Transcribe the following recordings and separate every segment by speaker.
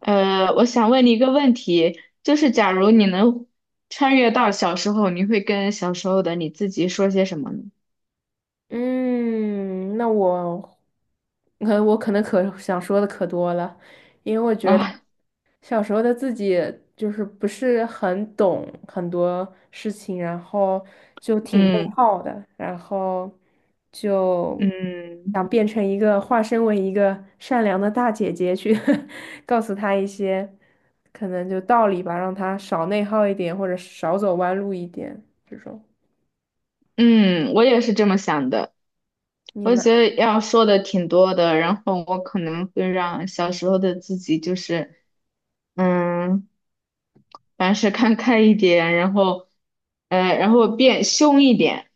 Speaker 1: 我想问你一个问题，就是假如你能穿越到小时候，你会跟小时候的你自己说些什么呢？
Speaker 2: 嗯，那我，我可能想说的可多了，因为我觉得
Speaker 1: 啊。
Speaker 2: 小时候的自己不是很懂很多事情，然后就挺内
Speaker 1: 嗯
Speaker 2: 耗的，然后就
Speaker 1: 嗯
Speaker 2: 想变成一个化身为一个善良的大姐姐去 告诉她一些可能就道理吧，让她少内耗一点，或者少走弯路一点这种。
Speaker 1: 嗯，我也是这么想的。
Speaker 2: 你
Speaker 1: 我
Speaker 2: 呢？
Speaker 1: 觉得要说的挺多的，然后我可能会让小时候的自己就是，嗯，凡事看开一点，然后，然后变凶一点，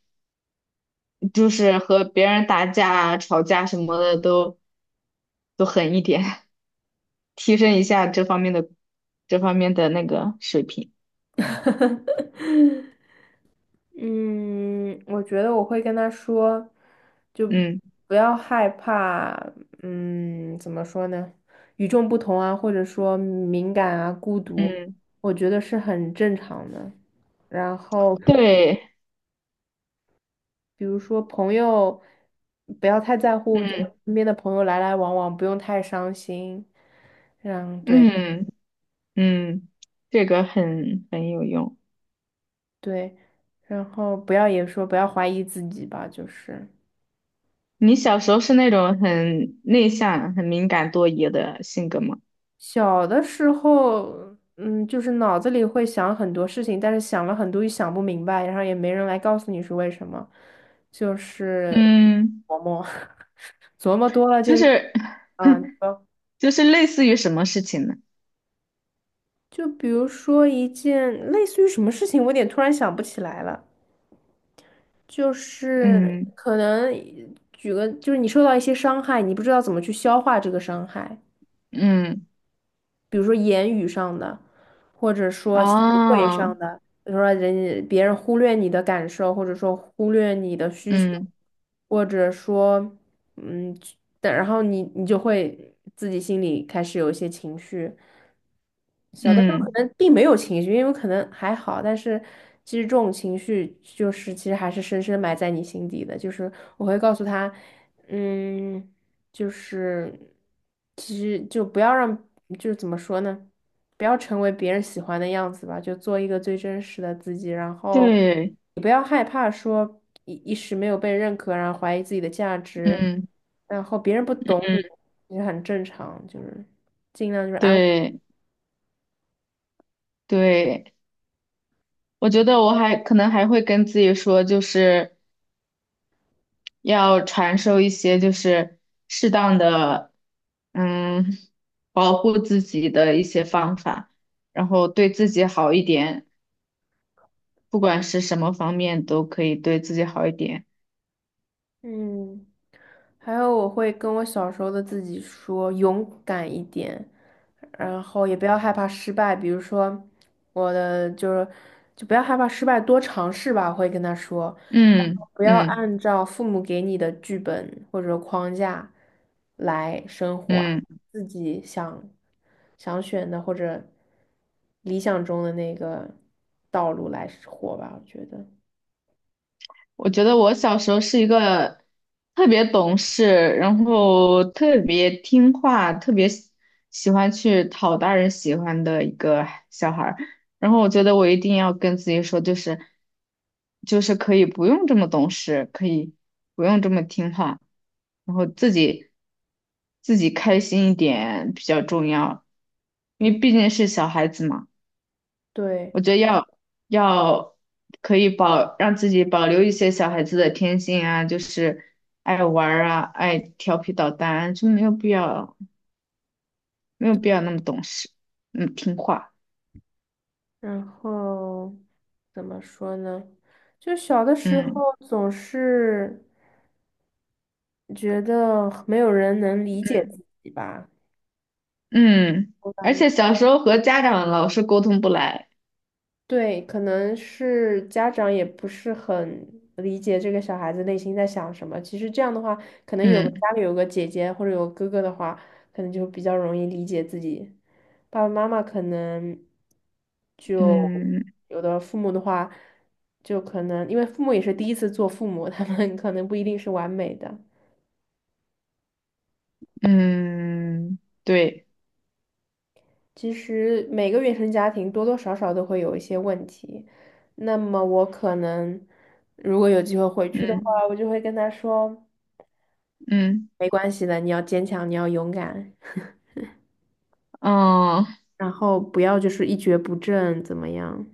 Speaker 1: 就是和别人打架啊吵架什么的都狠一点。提升一下这方面的那个水平。
Speaker 2: 嗯，我觉得我会跟他说，就
Speaker 1: 嗯
Speaker 2: 不要害怕，嗯，怎么说呢？与众不同啊，或者说敏感啊、孤独，
Speaker 1: 嗯，
Speaker 2: 我觉得是很正常的。然后，
Speaker 1: 对，
Speaker 2: 比如说朋友，不要太在乎，就
Speaker 1: 嗯
Speaker 2: 身边的朋友来来往往，不用太伤心。嗯，对
Speaker 1: 嗯嗯，这个很有用。
Speaker 2: 对，然后不要不要怀疑自己吧，就是。
Speaker 1: 你小时候是那种很内向、很敏感、多疑的性格吗？
Speaker 2: 小的时候，嗯，就是脑子里会想很多事情，但是想了很多又想不明白，然后也没人来告诉你是为什么，就是
Speaker 1: 嗯，
Speaker 2: 琢磨，琢磨多了就，
Speaker 1: 就是
Speaker 2: 啊，你 说，
Speaker 1: 就是类似于什么事情呢？
Speaker 2: 就比如说一件类似于什么事情，我有点突然想不起来了，就是
Speaker 1: 嗯
Speaker 2: 可能举个，就是你受到一些伤害，你不知道怎么去消化这个伤害。
Speaker 1: 嗯
Speaker 2: 比如说言语上的，或者说行为
Speaker 1: 哦，
Speaker 2: 上的，比如说别人忽略你的感受，或者说忽略你的需求，
Speaker 1: 嗯
Speaker 2: 或者说，嗯，但然后你就会自己心里开始有一些情绪。小的时候可
Speaker 1: 嗯，
Speaker 2: 能并没有情绪，因为可能还好，但是其实这种情绪其实还是深深埋在你心底的。就是我会告诉他，嗯，就是其实就不要让，就是怎么说呢，不要成为别人喜欢的样子吧，就做一个最真实的自己，然后
Speaker 1: 对，
Speaker 2: 你不要害怕说一时没有被认可，然后怀疑自己的价值，
Speaker 1: 嗯。
Speaker 2: 然后别人不懂你，也很正常，就是尽量就是安慰，
Speaker 1: 对对，我觉得我还可能还会跟自己说，就是要传授一些就是适当的，嗯，保护自己的一些方法，然后对自己好一点，不管是什么方面都可以对自己好一点。
Speaker 2: 嗯。还有我会跟我小时候的自己说勇敢一点，然后也不要害怕失败。比如说，我的就是就不要害怕失败，多尝试吧，我会跟他说。然
Speaker 1: 嗯
Speaker 2: 后不要
Speaker 1: 嗯
Speaker 2: 按照父母给你的剧本或者框架来生活，
Speaker 1: 嗯。
Speaker 2: 自己想选的或者理想中的那个道路来活吧，我觉得
Speaker 1: 我觉得我小时候是一个特别懂事，然后特别听话，特别喜欢去讨大人喜欢的一个小孩儿。然后我觉得我一定要跟自己说，就是可以不用这么懂事，可以不用这么听话，然后自己开心一点比较重要，因为毕竟是小孩子嘛。
Speaker 2: 对。
Speaker 1: 我觉得要可以保让自己保留一些小孩子的天性啊，就是爱玩儿啊，爱调皮捣蛋啊就没有必要那么懂事，嗯，听话，
Speaker 2: 然后。怎么说呢？就小的时候
Speaker 1: 嗯
Speaker 2: 总是觉得没有人能理解
Speaker 1: 嗯，
Speaker 2: 自己吧。
Speaker 1: 嗯。
Speaker 2: 我
Speaker 1: 而
Speaker 2: 感觉
Speaker 1: 且小时候和家长老是沟通不来，
Speaker 2: 对，可能是家长也不是很理解这个小孩子内心在想什么。其实这样的话，可能
Speaker 1: 嗯
Speaker 2: 家里有个姐姐或者有个哥哥的话，可能就比较容易理解自己。爸爸妈妈可能就
Speaker 1: 嗯
Speaker 2: 有的父母的话，就可能因为父母也是第一次做父母，他们可能不一定是完美的。
Speaker 1: 嗯，对，
Speaker 2: 其实每个原生家庭多多少少都会有一些问题，那么我可能如果有机会回去的
Speaker 1: 嗯
Speaker 2: 话，我就会跟他说，
Speaker 1: 嗯
Speaker 2: 没关系的，你要坚强，你要勇敢，
Speaker 1: 嗯
Speaker 2: 然后不要就是一蹶不振，怎么样？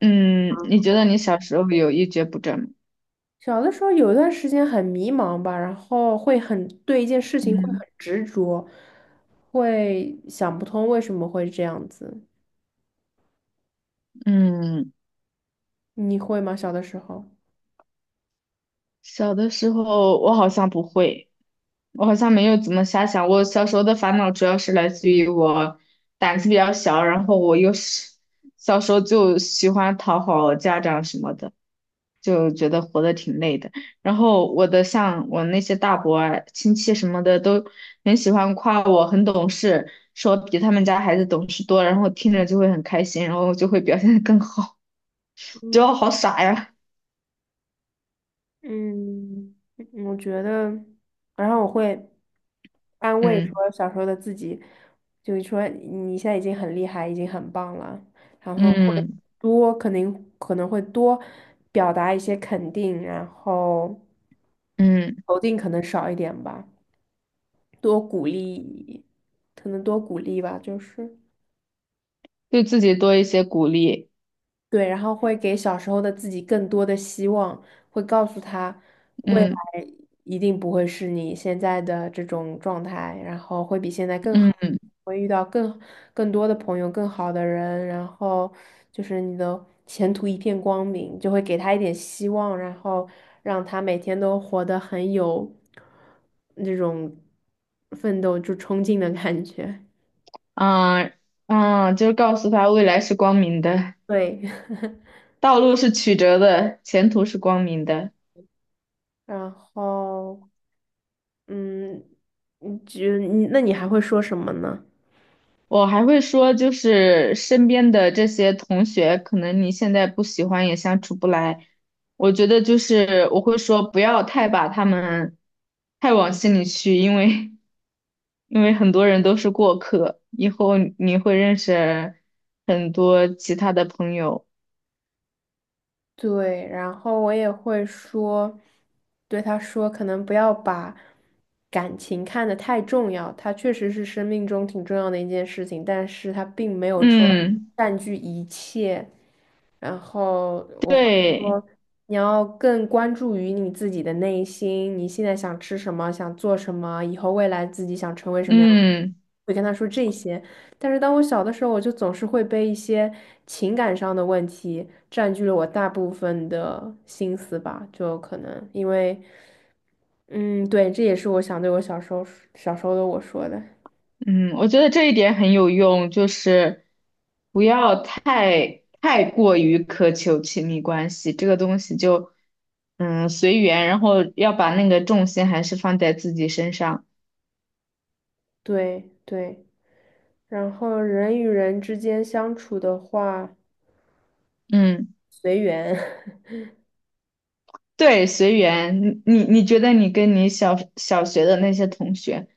Speaker 1: 嗯，你觉得你小时候有一蹶不振吗？
Speaker 2: 小的时候有一段时间很迷茫吧，然后会很对一件事情会很
Speaker 1: 嗯
Speaker 2: 执着，会想不通为什么会这样子，
Speaker 1: 嗯，
Speaker 2: 你会吗？小的时候？
Speaker 1: 小的时候我好像不会。我好像没有怎么瞎想。我小时候的烦恼主要是来自于我胆子比较小，然后我又是小时候就喜欢讨好家长什么的，就觉得活得挺累的。然后我的像我那些大伯啊亲戚什么的都很喜欢夸我很懂事，说比他们家孩子懂事多，然后听着就会很开心，然后就会表现得更好。觉得
Speaker 2: 嗯。
Speaker 1: 我好傻呀，
Speaker 2: 嗯,我觉得，然后我会安慰
Speaker 1: 嗯
Speaker 2: 说小时候的自己，就是说你现在已经很厉害，已经很棒了，然后会
Speaker 1: 嗯
Speaker 2: 多可能会多表达一些肯定，然后
Speaker 1: 嗯，
Speaker 2: 否定可能少一点吧，多鼓励，可能多鼓励吧，就是。
Speaker 1: 对自己多一些鼓励，
Speaker 2: 对，然后会给小时候的自己更多的希望，会告诉他未
Speaker 1: 嗯
Speaker 2: 来一定不会是你现在的这种状态，然后会比现在更好，
Speaker 1: 嗯。
Speaker 2: 会遇到更多的朋友、更好的人，然后就是你的前途一片光明，就会给他一点希望，然后让他每天都活得很有那种奋斗就冲劲的感觉。
Speaker 1: 嗯嗯，就是告诉他未来是光明的，
Speaker 2: 对，
Speaker 1: 道路是曲折的，前途是光明的。
Speaker 2: 然后。嗯，你还会说什么呢？
Speaker 1: 我还会说，就是身边的这些同学，可能你现在不喜欢也相处不来，我觉得就是我会说，不要太把他们太往心里去，因为很多人都是过客，以后你会认识很多其他的朋友。
Speaker 2: 对，然后我也会说，对他说，可能不要把感情看得太重要，它确实是生命中挺重要的一件事情，但是它并没有说
Speaker 1: 嗯，
Speaker 2: 占据一切。然后我会
Speaker 1: 对，
Speaker 2: 说，你要更关注于你自己的内心，你现在想吃什么，想做什么，以后未来自己想成为什么样的。
Speaker 1: 嗯。
Speaker 2: 会跟他说这些，但是当我小的时候，我就总是会被一些情感上的问题占据了我大部分的心思吧，就可能因为，嗯，对，这也是我想对我小时候的我说的，
Speaker 1: 嗯，我觉得这一点很有用，就是不要太过于苛求亲密关系，这个东西就嗯随缘，然后要把那个重心还是放在自己身上。
Speaker 2: 对对。然后人与人之间相处的话，
Speaker 1: 嗯，
Speaker 2: 随缘。
Speaker 1: 对，随缘。你觉得你跟你小学的那些同学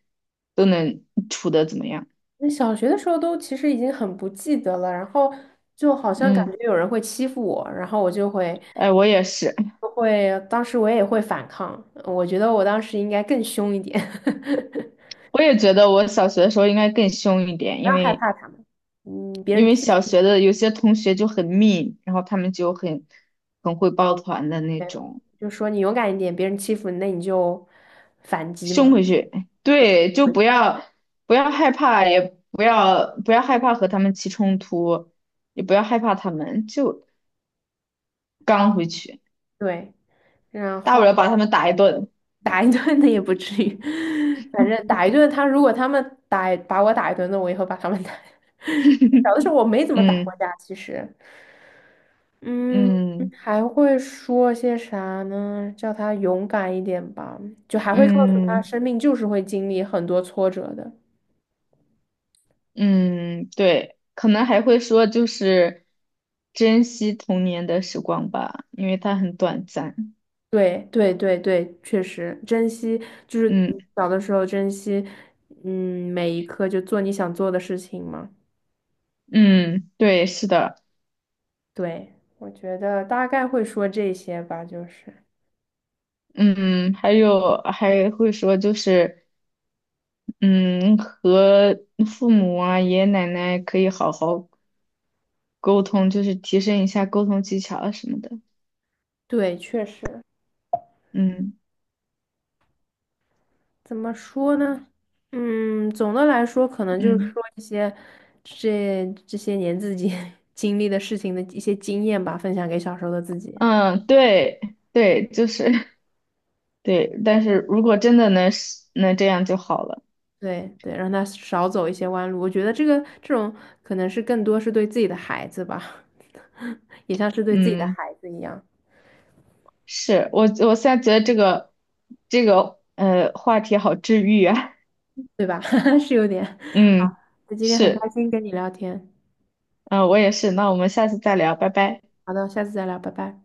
Speaker 1: 都能处得怎么样？
Speaker 2: 那小学的时候都其实已经很不记得了，然后就好像感
Speaker 1: 嗯，
Speaker 2: 觉有人会欺负我，然后我就会，
Speaker 1: 哎，我也是，
Speaker 2: 当时我也会反抗，我觉得我当时应该更凶一点。
Speaker 1: 我也觉得我小学的时候应该更凶一点，
Speaker 2: 不
Speaker 1: 因
Speaker 2: 要害
Speaker 1: 为
Speaker 2: 怕他们，嗯，别
Speaker 1: 因
Speaker 2: 人
Speaker 1: 为
Speaker 2: 欺
Speaker 1: 小
Speaker 2: 负
Speaker 1: 学的有些同学就很密，然后他们就很会抱团的那
Speaker 2: 没有
Speaker 1: 种，
Speaker 2: 就说你勇敢一点，别人欺负你，那你就反击
Speaker 1: 凶
Speaker 2: 嘛，
Speaker 1: 回去。对，就
Speaker 2: 会
Speaker 1: 不要害怕，也不要害怕和他们起冲突，也不要害怕他们，就刚回去，
Speaker 2: 对，然
Speaker 1: 大不
Speaker 2: 后
Speaker 1: 了把 他们打一顿。
Speaker 2: 打一顿的也不至于，反正打一顿他，如果他们把我打一顿，那我以后把他们打。小的时候我没怎么打过
Speaker 1: 嗯
Speaker 2: 架，其实，嗯，
Speaker 1: 嗯
Speaker 2: 还会说些啥呢？叫他勇敢一点吧，就还会告诉他，
Speaker 1: 嗯
Speaker 2: 生命就是会经历很多挫折的。
Speaker 1: 嗯，对，可能还会说就是珍惜童年的时光吧，因为它很短暂。
Speaker 2: 对对对对，确实珍惜，就是
Speaker 1: 嗯
Speaker 2: 小的时候珍惜，嗯，每一刻就做你想做的事情嘛。
Speaker 1: 嗯，对，是的。
Speaker 2: 对，我觉得大概会说这些吧，就是
Speaker 1: 嗯，还有还会说就是，嗯，和父母啊、爷爷奶奶可以好好沟通，就是提升一下沟通技巧啊什么的。
Speaker 2: 对，确实，
Speaker 1: 嗯
Speaker 2: 怎么说呢？嗯，总的来说，可能就是
Speaker 1: 嗯
Speaker 2: 说一些这些年自己 经历的事情的一些经验吧，分享给小时候的自己。
Speaker 1: 嗯，对对，就是 对，但是如果真的能是能这样就好了。
Speaker 2: 对对，让他少走一些弯路。我觉得这种可能是更多是对自己的孩子吧。也像是对自己的
Speaker 1: 嗯，
Speaker 2: 孩子一样，
Speaker 1: 是我现在觉得这个呃话题好治愈啊。
Speaker 2: 对吧？是有点 好，
Speaker 1: 嗯，
Speaker 2: 那今天很开
Speaker 1: 是，
Speaker 2: 心跟你聊天，
Speaker 1: 嗯，我也是。那我们下次再聊，拜拜。
Speaker 2: 好的，下次再聊，拜拜。